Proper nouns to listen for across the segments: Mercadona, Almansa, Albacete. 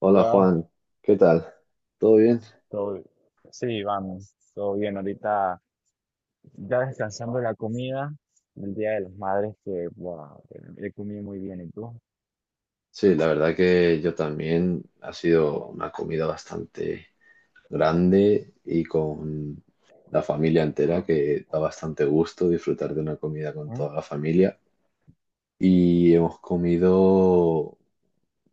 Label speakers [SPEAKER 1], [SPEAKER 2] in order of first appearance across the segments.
[SPEAKER 1] Hola
[SPEAKER 2] Hola,
[SPEAKER 1] Juan, ¿qué tal? ¿Todo bien?
[SPEAKER 2] todo bi- sí, vamos, todo bien. Ahorita ya descansando de la comida del Día de las Madres, que wow, he comido muy bien. ¿Y tú?
[SPEAKER 1] Sí, la verdad que yo también. Ha sido una comida bastante grande y con la familia entera, que da bastante gusto disfrutar de una comida con
[SPEAKER 2] ¿Mm?
[SPEAKER 1] toda la familia. Y hemos comido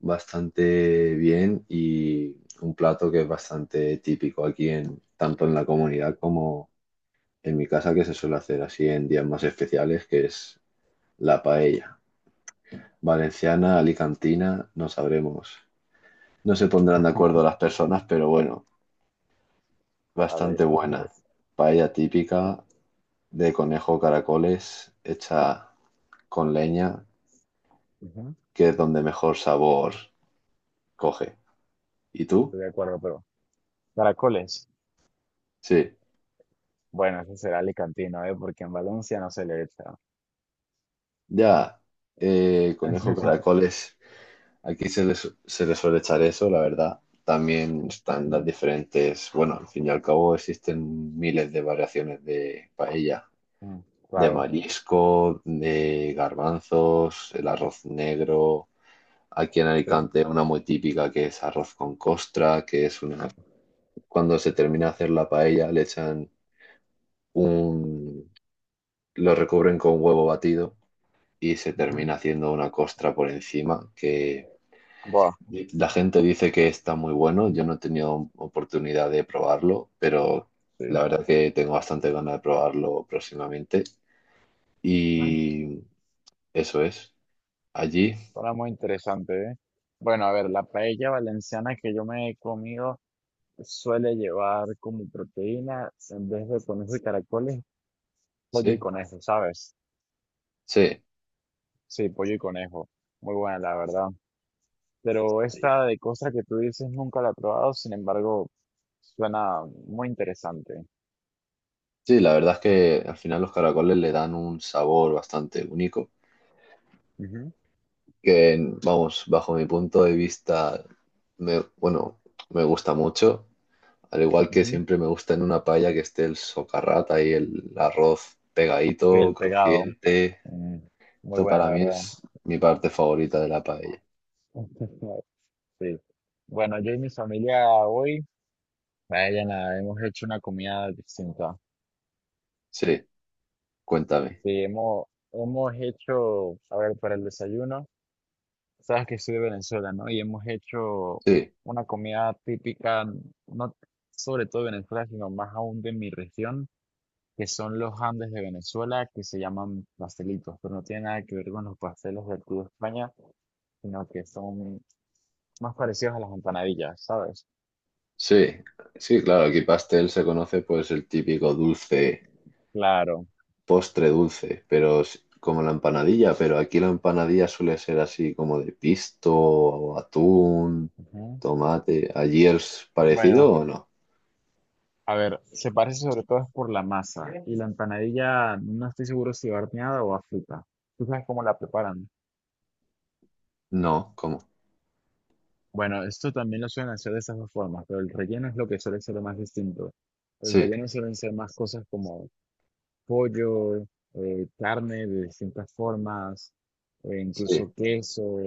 [SPEAKER 1] bastante bien y un plato que es bastante típico aquí en tanto en la comunidad como en mi casa, que se suele hacer así en días más especiales, que es la paella. Valenciana, alicantina, no sabremos. No se pondrán de acuerdo las personas, pero bueno,
[SPEAKER 2] Ahora ya-
[SPEAKER 1] bastante buena. Paella típica de conejo caracoles, hecha con leña,
[SPEAKER 2] Ujú.
[SPEAKER 1] que es donde mejor sabor coge. ¿Y tú?
[SPEAKER 2] Estoy de acuerdo, pero caracoles.
[SPEAKER 1] Sí,
[SPEAKER 2] Bueno, ese será alicantino, ¿eh? Porque en Valencia no se le echa.
[SPEAKER 1] ya, conejo caracoles. Aquí se les suele echar eso, la verdad. También están las
[SPEAKER 2] Mm.
[SPEAKER 1] diferentes, bueno, al fin y al cabo existen miles de variaciones de paella.
[SPEAKER 2] Mm.
[SPEAKER 1] De
[SPEAKER 2] Claro,
[SPEAKER 1] marisco, de garbanzos, el arroz negro. Aquí en
[SPEAKER 2] sí.
[SPEAKER 1] Alicante una muy típica que es arroz con costra, que es una... Cuando se termina de hacer la paella le echan un... lo recubren con huevo batido y se
[SPEAKER 2] Ujú.
[SPEAKER 1] termina haciendo una costra por encima que...
[SPEAKER 2] Buah,
[SPEAKER 1] La gente dice que está muy bueno, yo no he tenido oportunidad de probarlo, pero la
[SPEAKER 2] sí.
[SPEAKER 1] verdad que tengo bastante ganas de probarlo próximamente.
[SPEAKER 2] Mm.
[SPEAKER 1] Y eso es. Allí.
[SPEAKER 2] Suena muy interesante, ¿eh? Bueno, a ver, la paella valenciana que yo me he comido. Suele llevar como proteína, en vez de conejo y caracoles, pollo y
[SPEAKER 1] Sí,
[SPEAKER 2] conejo, ¿sabes?
[SPEAKER 1] sí,
[SPEAKER 2] Sí, pollo y conejo. Muy buena, la verdad. Pero esta de costra que tú dices nunca la he probado, sin embargo, suena muy interesante.
[SPEAKER 1] sí, la verdad es que al final los caracoles le dan un sabor bastante único,
[SPEAKER 2] Ujú,
[SPEAKER 1] que vamos, bajo mi punto de vista, me, bueno, me gusta mucho, al igual que
[SPEAKER 2] ujú.
[SPEAKER 1] siempre me gusta en una paella que esté el socarrat ahí, el arroz
[SPEAKER 2] Sí,
[SPEAKER 1] pegadito,
[SPEAKER 2] el pegado.
[SPEAKER 1] crujiente,
[SPEAKER 2] Mm, muy
[SPEAKER 1] eso
[SPEAKER 2] bueno, la
[SPEAKER 1] para mí
[SPEAKER 2] verdad.
[SPEAKER 1] es mi parte favorita de la paella.
[SPEAKER 2] Sí. Bueno, yo y mi familia hoy, vaya, nada, hemos hecho una comida distinta.
[SPEAKER 1] Sí, cuéntame.
[SPEAKER 2] Sí, hemos hecho, a ver, para el desayuno. Sabes que soy de Venezuela, ¿no? Y hemos hecho
[SPEAKER 1] Sí,
[SPEAKER 2] una comida típica, no sobre todo de Venezuela, sino más aún de mi región, que son los Andes de Venezuela, que se llaman pastelitos, pero no tiene nada que ver con los pastelos del Club España, sino que son más parecidos a las empanadillas, ¿sabes?
[SPEAKER 1] sí, sí, claro, aquí pastel se conoce pues el típico dulce
[SPEAKER 2] Claro.
[SPEAKER 1] postre dulce, pero es como la empanadilla, pero aquí la empanadilla suele ser así como de pisto o atún,
[SPEAKER 2] Ujú.
[SPEAKER 1] tomate. ¿Allí es
[SPEAKER 2] Bueno,
[SPEAKER 1] parecido o no?
[SPEAKER 2] a ver, se parece sobre todo es por la masa, y la empanadilla no estoy seguro si horneada o a frita. ¿Tú sabes cómo la preparan?
[SPEAKER 1] No, ¿cómo?
[SPEAKER 2] Bueno, esto también lo suelen hacer de esas dos formas, pero el relleno es lo que suele ser lo más distinto. El
[SPEAKER 1] Sí,
[SPEAKER 2] relleno suelen ser más cosas como pollo, carne de distintas formas,
[SPEAKER 1] sí,
[SPEAKER 2] incluso queso,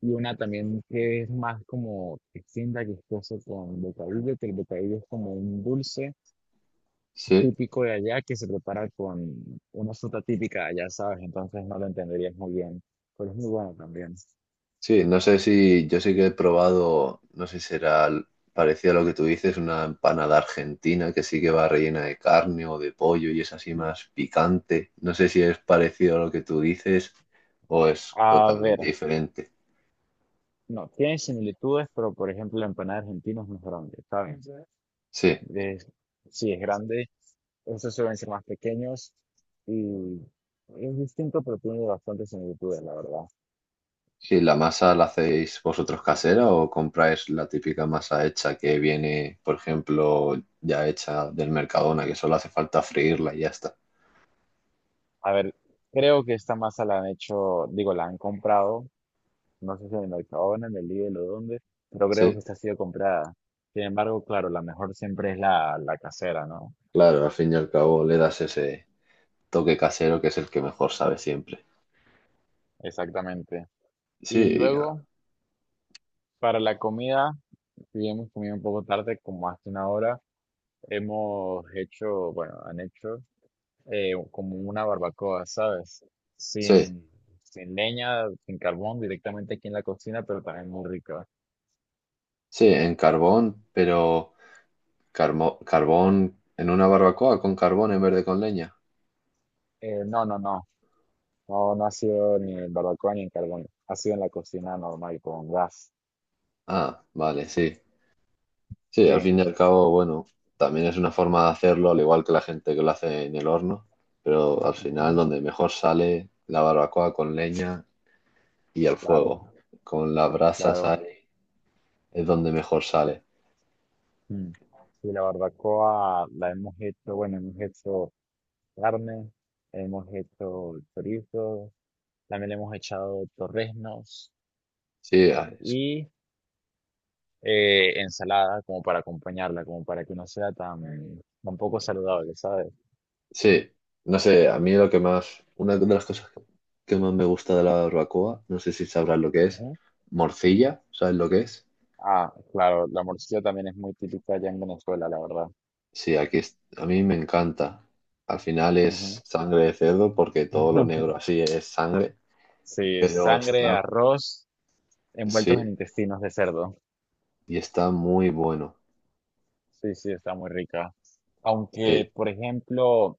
[SPEAKER 2] y una también que es más como distinta, que es queso con bocadillo, que el bocadillo es como un dulce
[SPEAKER 1] sí,
[SPEAKER 2] típico de allá que se prepara con una fruta típica de allá, ¿sabes? Entonces no lo entenderías muy bien, pero es muy bueno también.
[SPEAKER 1] sí. No sé si yo sí que he probado, no sé si será parecido a lo que tú dices, una empanada argentina que sí que va rellena de carne o de pollo y es así
[SPEAKER 2] Mm.
[SPEAKER 1] más picante. No sé si es parecido a lo que tú dices o es
[SPEAKER 2] A ver.
[SPEAKER 1] totalmente diferente.
[SPEAKER 2] No, tiene similitudes, pero por ejemplo la empanada argentina es más grande, ¿saben?
[SPEAKER 1] Sí.
[SPEAKER 2] Es- sí, es grande, esos suelen ser más pequeños y es distinto, pero tiene bastantes similitudes, la verdad.
[SPEAKER 1] ¿Y la masa la hacéis vosotros casera o compráis la típica masa hecha que viene, por ejemplo, ya hecha del Mercadona, que solo hace falta freírla y ya está?
[SPEAKER 2] A ver, creo que esta masa la han hecho, digo, la han comprado, no sé si en el Mercadona, en el Lidl o dónde, pero creo
[SPEAKER 1] Sí,
[SPEAKER 2] que esta ha sido comprada. Sin embargo, claro, la mejor siempre es la casera, ¿no?
[SPEAKER 1] claro, al fin y al cabo le das ese toque casero que es el que mejor sabe siempre.
[SPEAKER 2] Exactamente. Y
[SPEAKER 1] Sí,
[SPEAKER 2] luego, para la comida, si bien hemos comido un poco tarde, como hace una hora, hemos hecho, bueno, han hecho como una barbacoa, ¿sabes?
[SPEAKER 1] sí,
[SPEAKER 2] Sin, sin leña, sin carbón, directamente aquí en la cocina, pero también muy rica.
[SPEAKER 1] sí, en carbón, pero carbón en una barbacoa con carbón en vez de con leña.
[SPEAKER 2] No, no, no, no, no ha sido ni en barbacoa ni en carbón, ha sido en la cocina normal, con gas.
[SPEAKER 1] Ah, vale, sí. Sí, al
[SPEAKER 2] Sí,
[SPEAKER 1] fin y al cabo, bueno, también es una forma de hacerlo, al igual que la gente que lo hace en el horno, pero al final
[SPEAKER 2] ujú,
[SPEAKER 1] donde mejor sale la barbacoa con leña y al
[SPEAKER 2] claro,
[SPEAKER 1] fuego, con las brasas
[SPEAKER 2] claro.
[SPEAKER 1] ahí es donde mejor sale.
[SPEAKER 2] Mm. Y la barbacoa la hemos hecho, bueno, hemos hecho carne, hemos hecho chorizo, también le hemos echado torreznos,
[SPEAKER 1] Sí, a-
[SPEAKER 2] ensalada como para acompañarla, como para que no sea tan, tan poco saludable, ¿sabes?
[SPEAKER 1] sí, no sé, a mí lo que más, una de las cosas que más me gusta de la barbacoa, no sé si sabrás lo que es,
[SPEAKER 2] Ujú.
[SPEAKER 1] morcilla, ¿sabes lo que es?
[SPEAKER 2] Ah, claro, la morcilla también es muy típica allá en Venezuela, la verdad.
[SPEAKER 1] Sí, aquí a mí me encanta. Al final es
[SPEAKER 2] Ujú.
[SPEAKER 1] sangre de cerdo porque todo lo negro así es sangre.
[SPEAKER 2] Sí,
[SPEAKER 1] Pero
[SPEAKER 2] sangre,
[SPEAKER 1] está,
[SPEAKER 2] arroz envueltos en
[SPEAKER 1] sí,
[SPEAKER 2] intestinos de cerdo.
[SPEAKER 1] y está muy bueno.
[SPEAKER 2] Sí, sí, está muy rica.
[SPEAKER 1] Sí,
[SPEAKER 2] Aunque, por ejemplo,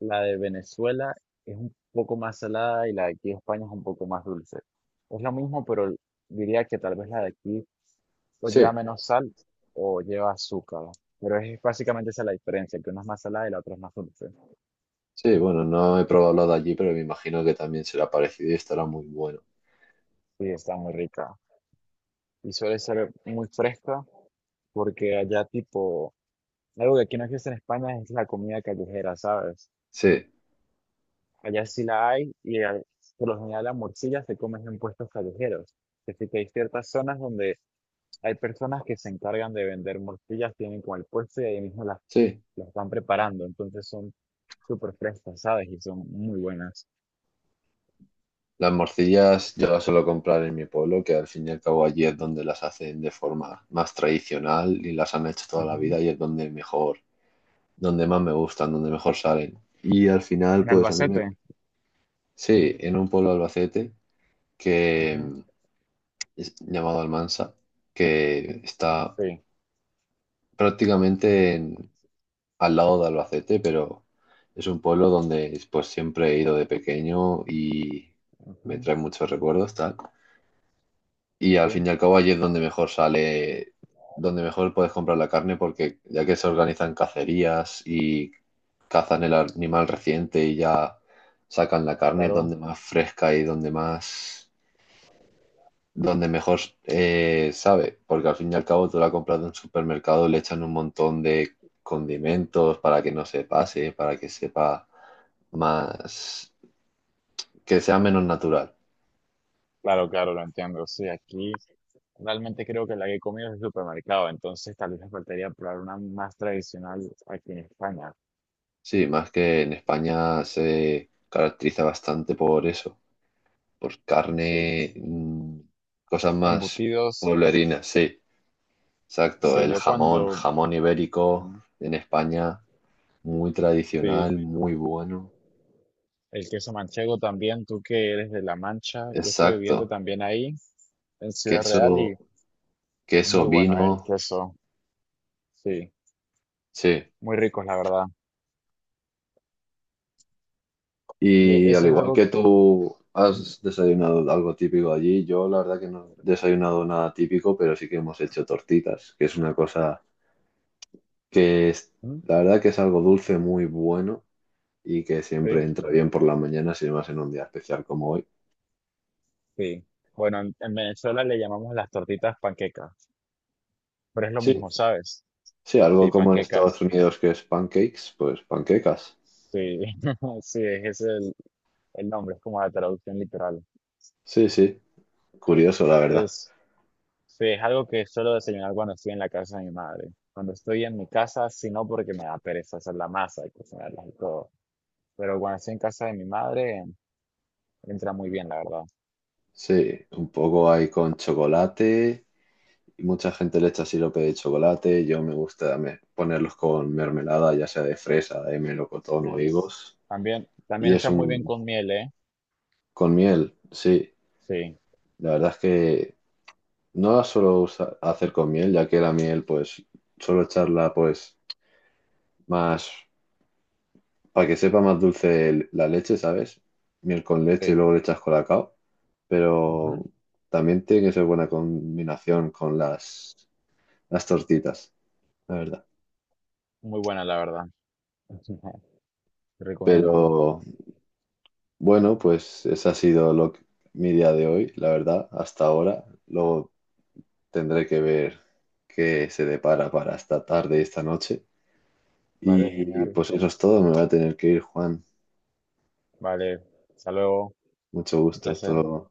[SPEAKER 2] la de Venezuela es un poco más salada y la de aquí de España es un poco más dulce. Es lo mismo, pero diría que tal vez la de aquí o lleva
[SPEAKER 1] sí,
[SPEAKER 2] menos sal o lleva azúcar. Pero es básicamente esa la diferencia, que una es más salada y la otra es más dulce.
[SPEAKER 1] sí, bueno, no he probado lo de allí, pero me imagino que también será parecido y estará muy bueno.
[SPEAKER 2] Sí, está muy rica. Y suele ser muy fresca porque allá tipo, algo que aquí no existe en España es la comida callejera, ¿sabes?
[SPEAKER 1] Sí,
[SPEAKER 2] Allá sí la hay, y por lo general la morcilla se come en puestos callejeros. Es decir, que hay ciertas zonas donde hay personas que se encargan de vender morcillas, tienen como el puesto y ahí mismo las,
[SPEAKER 1] sí.
[SPEAKER 2] las van preparando. Entonces son súper frescas, ¿sabes? Y son muy buenas.
[SPEAKER 1] Las morcillas yo las suelo comprar en mi pueblo, que al fin y al cabo allí es donde las hacen de forma más tradicional y las han hecho toda la vida y es donde mejor, donde más me gustan, donde mejor salen. Y al final,
[SPEAKER 2] En
[SPEAKER 1] pues a mí me...
[SPEAKER 2] Albacete.
[SPEAKER 1] Sí, en un pueblo de Albacete que
[SPEAKER 2] Ujú.
[SPEAKER 1] es llamado Almansa, que está
[SPEAKER 2] Sí,
[SPEAKER 1] prácticamente al lado de Albacete, pero es un pueblo donde pues siempre he ido de pequeño y me
[SPEAKER 2] ujú,
[SPEAKER 1] trae muchos recuerdos, tal. Y
[SPEAKER 2] sí,
[SPEAKER 1] al fin y al cabo allí es donde mejor sale, donde mejor puedes comprar la carne porque ya que se organizan cacerías y cazan el animal reciente y ya sacan la carne es
[SPEAKER 2] claro,
[SPEAKER 1] donde más fresca y donde más donde mejor sabe, porque al fin y al cabo tú la compras de un supermercado, le echan un montón de condimentos para que no se pase, para que sepa más, que sea menos natural.
[SPEAKER 2] claro, claro, lo entiendo. Sí, aquí realmente creo que la que he comido es el supermercado, entonces tal vez me faltaría probar una más tradicional aquí en España.
[SPEAKER 1] Sí, más que en España se caracteriza bastante por eso, por
[SPEAKER 2] Sí,
[SPEAKER 1] carne, cosas más
[SPEAKER 2] embutidos,
[SPEAKER 1] pueblerinas, sí, exacto,
[SPEAKER 2] sí,
[SPEAKER 1] el
[SPEAKER 2] yo
[SPEAKER 1] jamón,
[SPEAKER 2] cuando,
[SPEAKER 1] jamón ibérico
[SPEAKER 2] ujú,
[SPEAKER 1] en España, muy
[SPEAKER 2] sí,
[SPEAKER 1] tradicional, muy bueno,
[SPEAKER 2] el queso manchego también, tú que eres de La Mancha, yo estuve viviendo
[SPEAKER 1] exacto,
[SPEAKER 2] también ahí, en Ciudad Real,
[SPEAKER 1] queso.
[SPEAKER 2] y
[SPEAKER 1] Queso,
[SPEAKER 2] muy bueno, el
[SPEAKER 1] vino,
[SPEAKER 2] queso, sí,
[SPEAKER 1] sí.
[SPEAKER 2] muy ricos, la verdad.
[SPEAKER 1] Y al
[SPEAKER 2] Eso es
[SPEAKER 1] igual
[SPEAKER 2] algo,
[SPEAKER 1] que tú
[SPEAKER 2] ujú,
[SPEAKER 1] has desayunado algo típico allí, yo la verdad que no he desayunado nada típico, pero sí que hemos hecho tortitas, que es una cosa que es,
[SPEAKER 2] ujú,
[SPEAKER 1] la verdad que es algo dulce muy bueno y que siempre
[SPEAKER 2] sí.
[SPEAKER 1] entra bien por la mañana, si más en un día especial como hoy.
[SPEAKER 2] Sí. Bueno, en Venezuela le llamamos las tortitas panquecas, pero es lo
[SPEAKER 1] Sí,
[SPEAKER 2] mismo, ¿sabes?
[SPEAKER 1] sí, algo
[SPEAKER 2] Sí,
[SPEAKER 1] como en Estados
[SPEAKER 2] panquecas.
[SPEAKER 1] Unidos que es pancakes, pues panquecas.
[SPEAKER 2] Sí, sí, ese es el nombre, es como la traducción literal.
[SPEAKER 1] Sí, curioso la verdad.
[SPEAKER 2] Es, sí, es algo que suelo desayunar cuando estoy en la casa de mi madre. Cuando estoy en mi casa, si no porque me da pereza hacer la masa y cocinarlas y todo. Pero cuando estoy en casa de mi madre, entra muy bien, la verdad.
[SPEAKER 1] Sí, un poco hay con chocolate. Y mucha gente le echa sirope de chocolate. Yo me gusta ponerlos con mermelada, ya sea de fresa, de melocotón o
[SPEAKER 2] Sí.
[SPEAKER 1] higos.
[SPEAKER 2] También,
[SPEAKER 1] Y
[SPEAKER 2] también
[SPEAKER 1] es
[SPEAKER 2] está muy bien
[SPEAKER 1] un...
[SPEAKER 2] con miel, ¿eh?
[SPEAKER 1] con miel, sí.
[SPEAKER 2] Sí,
[SPEAKER 1] La verdad es que no la suelo hacer con miel, ya que la miel, pues, suelo echarla, pues, más... para que sepa más dulce la leche, ¿sabes? Miel con leche y
[SPEAKER 2] sí.
[SPEAKER 1] luego le echas colacao. Pero
[SPEAKER 2] Ujú.
[SPEAKER 1] también tiene que ser buena combinación con las tortitas, la verdad.
[SPEAKER 2] Muy buena, la verdad. Te recomiendo.
[SPEAKER 1] Pero... Bueno, pues ese ha sido mi día de hoy, la verdad, hasta ahora. Luego tendré que ver qué se depara para esta tarde, y esta noche.
[SPEAKER 2] Vale,
[SPEAKER 1] Y
[SPEAKER 2] genial.
[SPEAKER 1] pues eso es todo, me voy a tener que ir, Juan.
[SPEAKER 2] Vale, hasta luego.
[SPEAKER 1] Mucho
[SPEAKER 2] Un
[SPEAKER 1] gusto,
[SPEAKER 2] placer.
[SPEAKER 1] esto.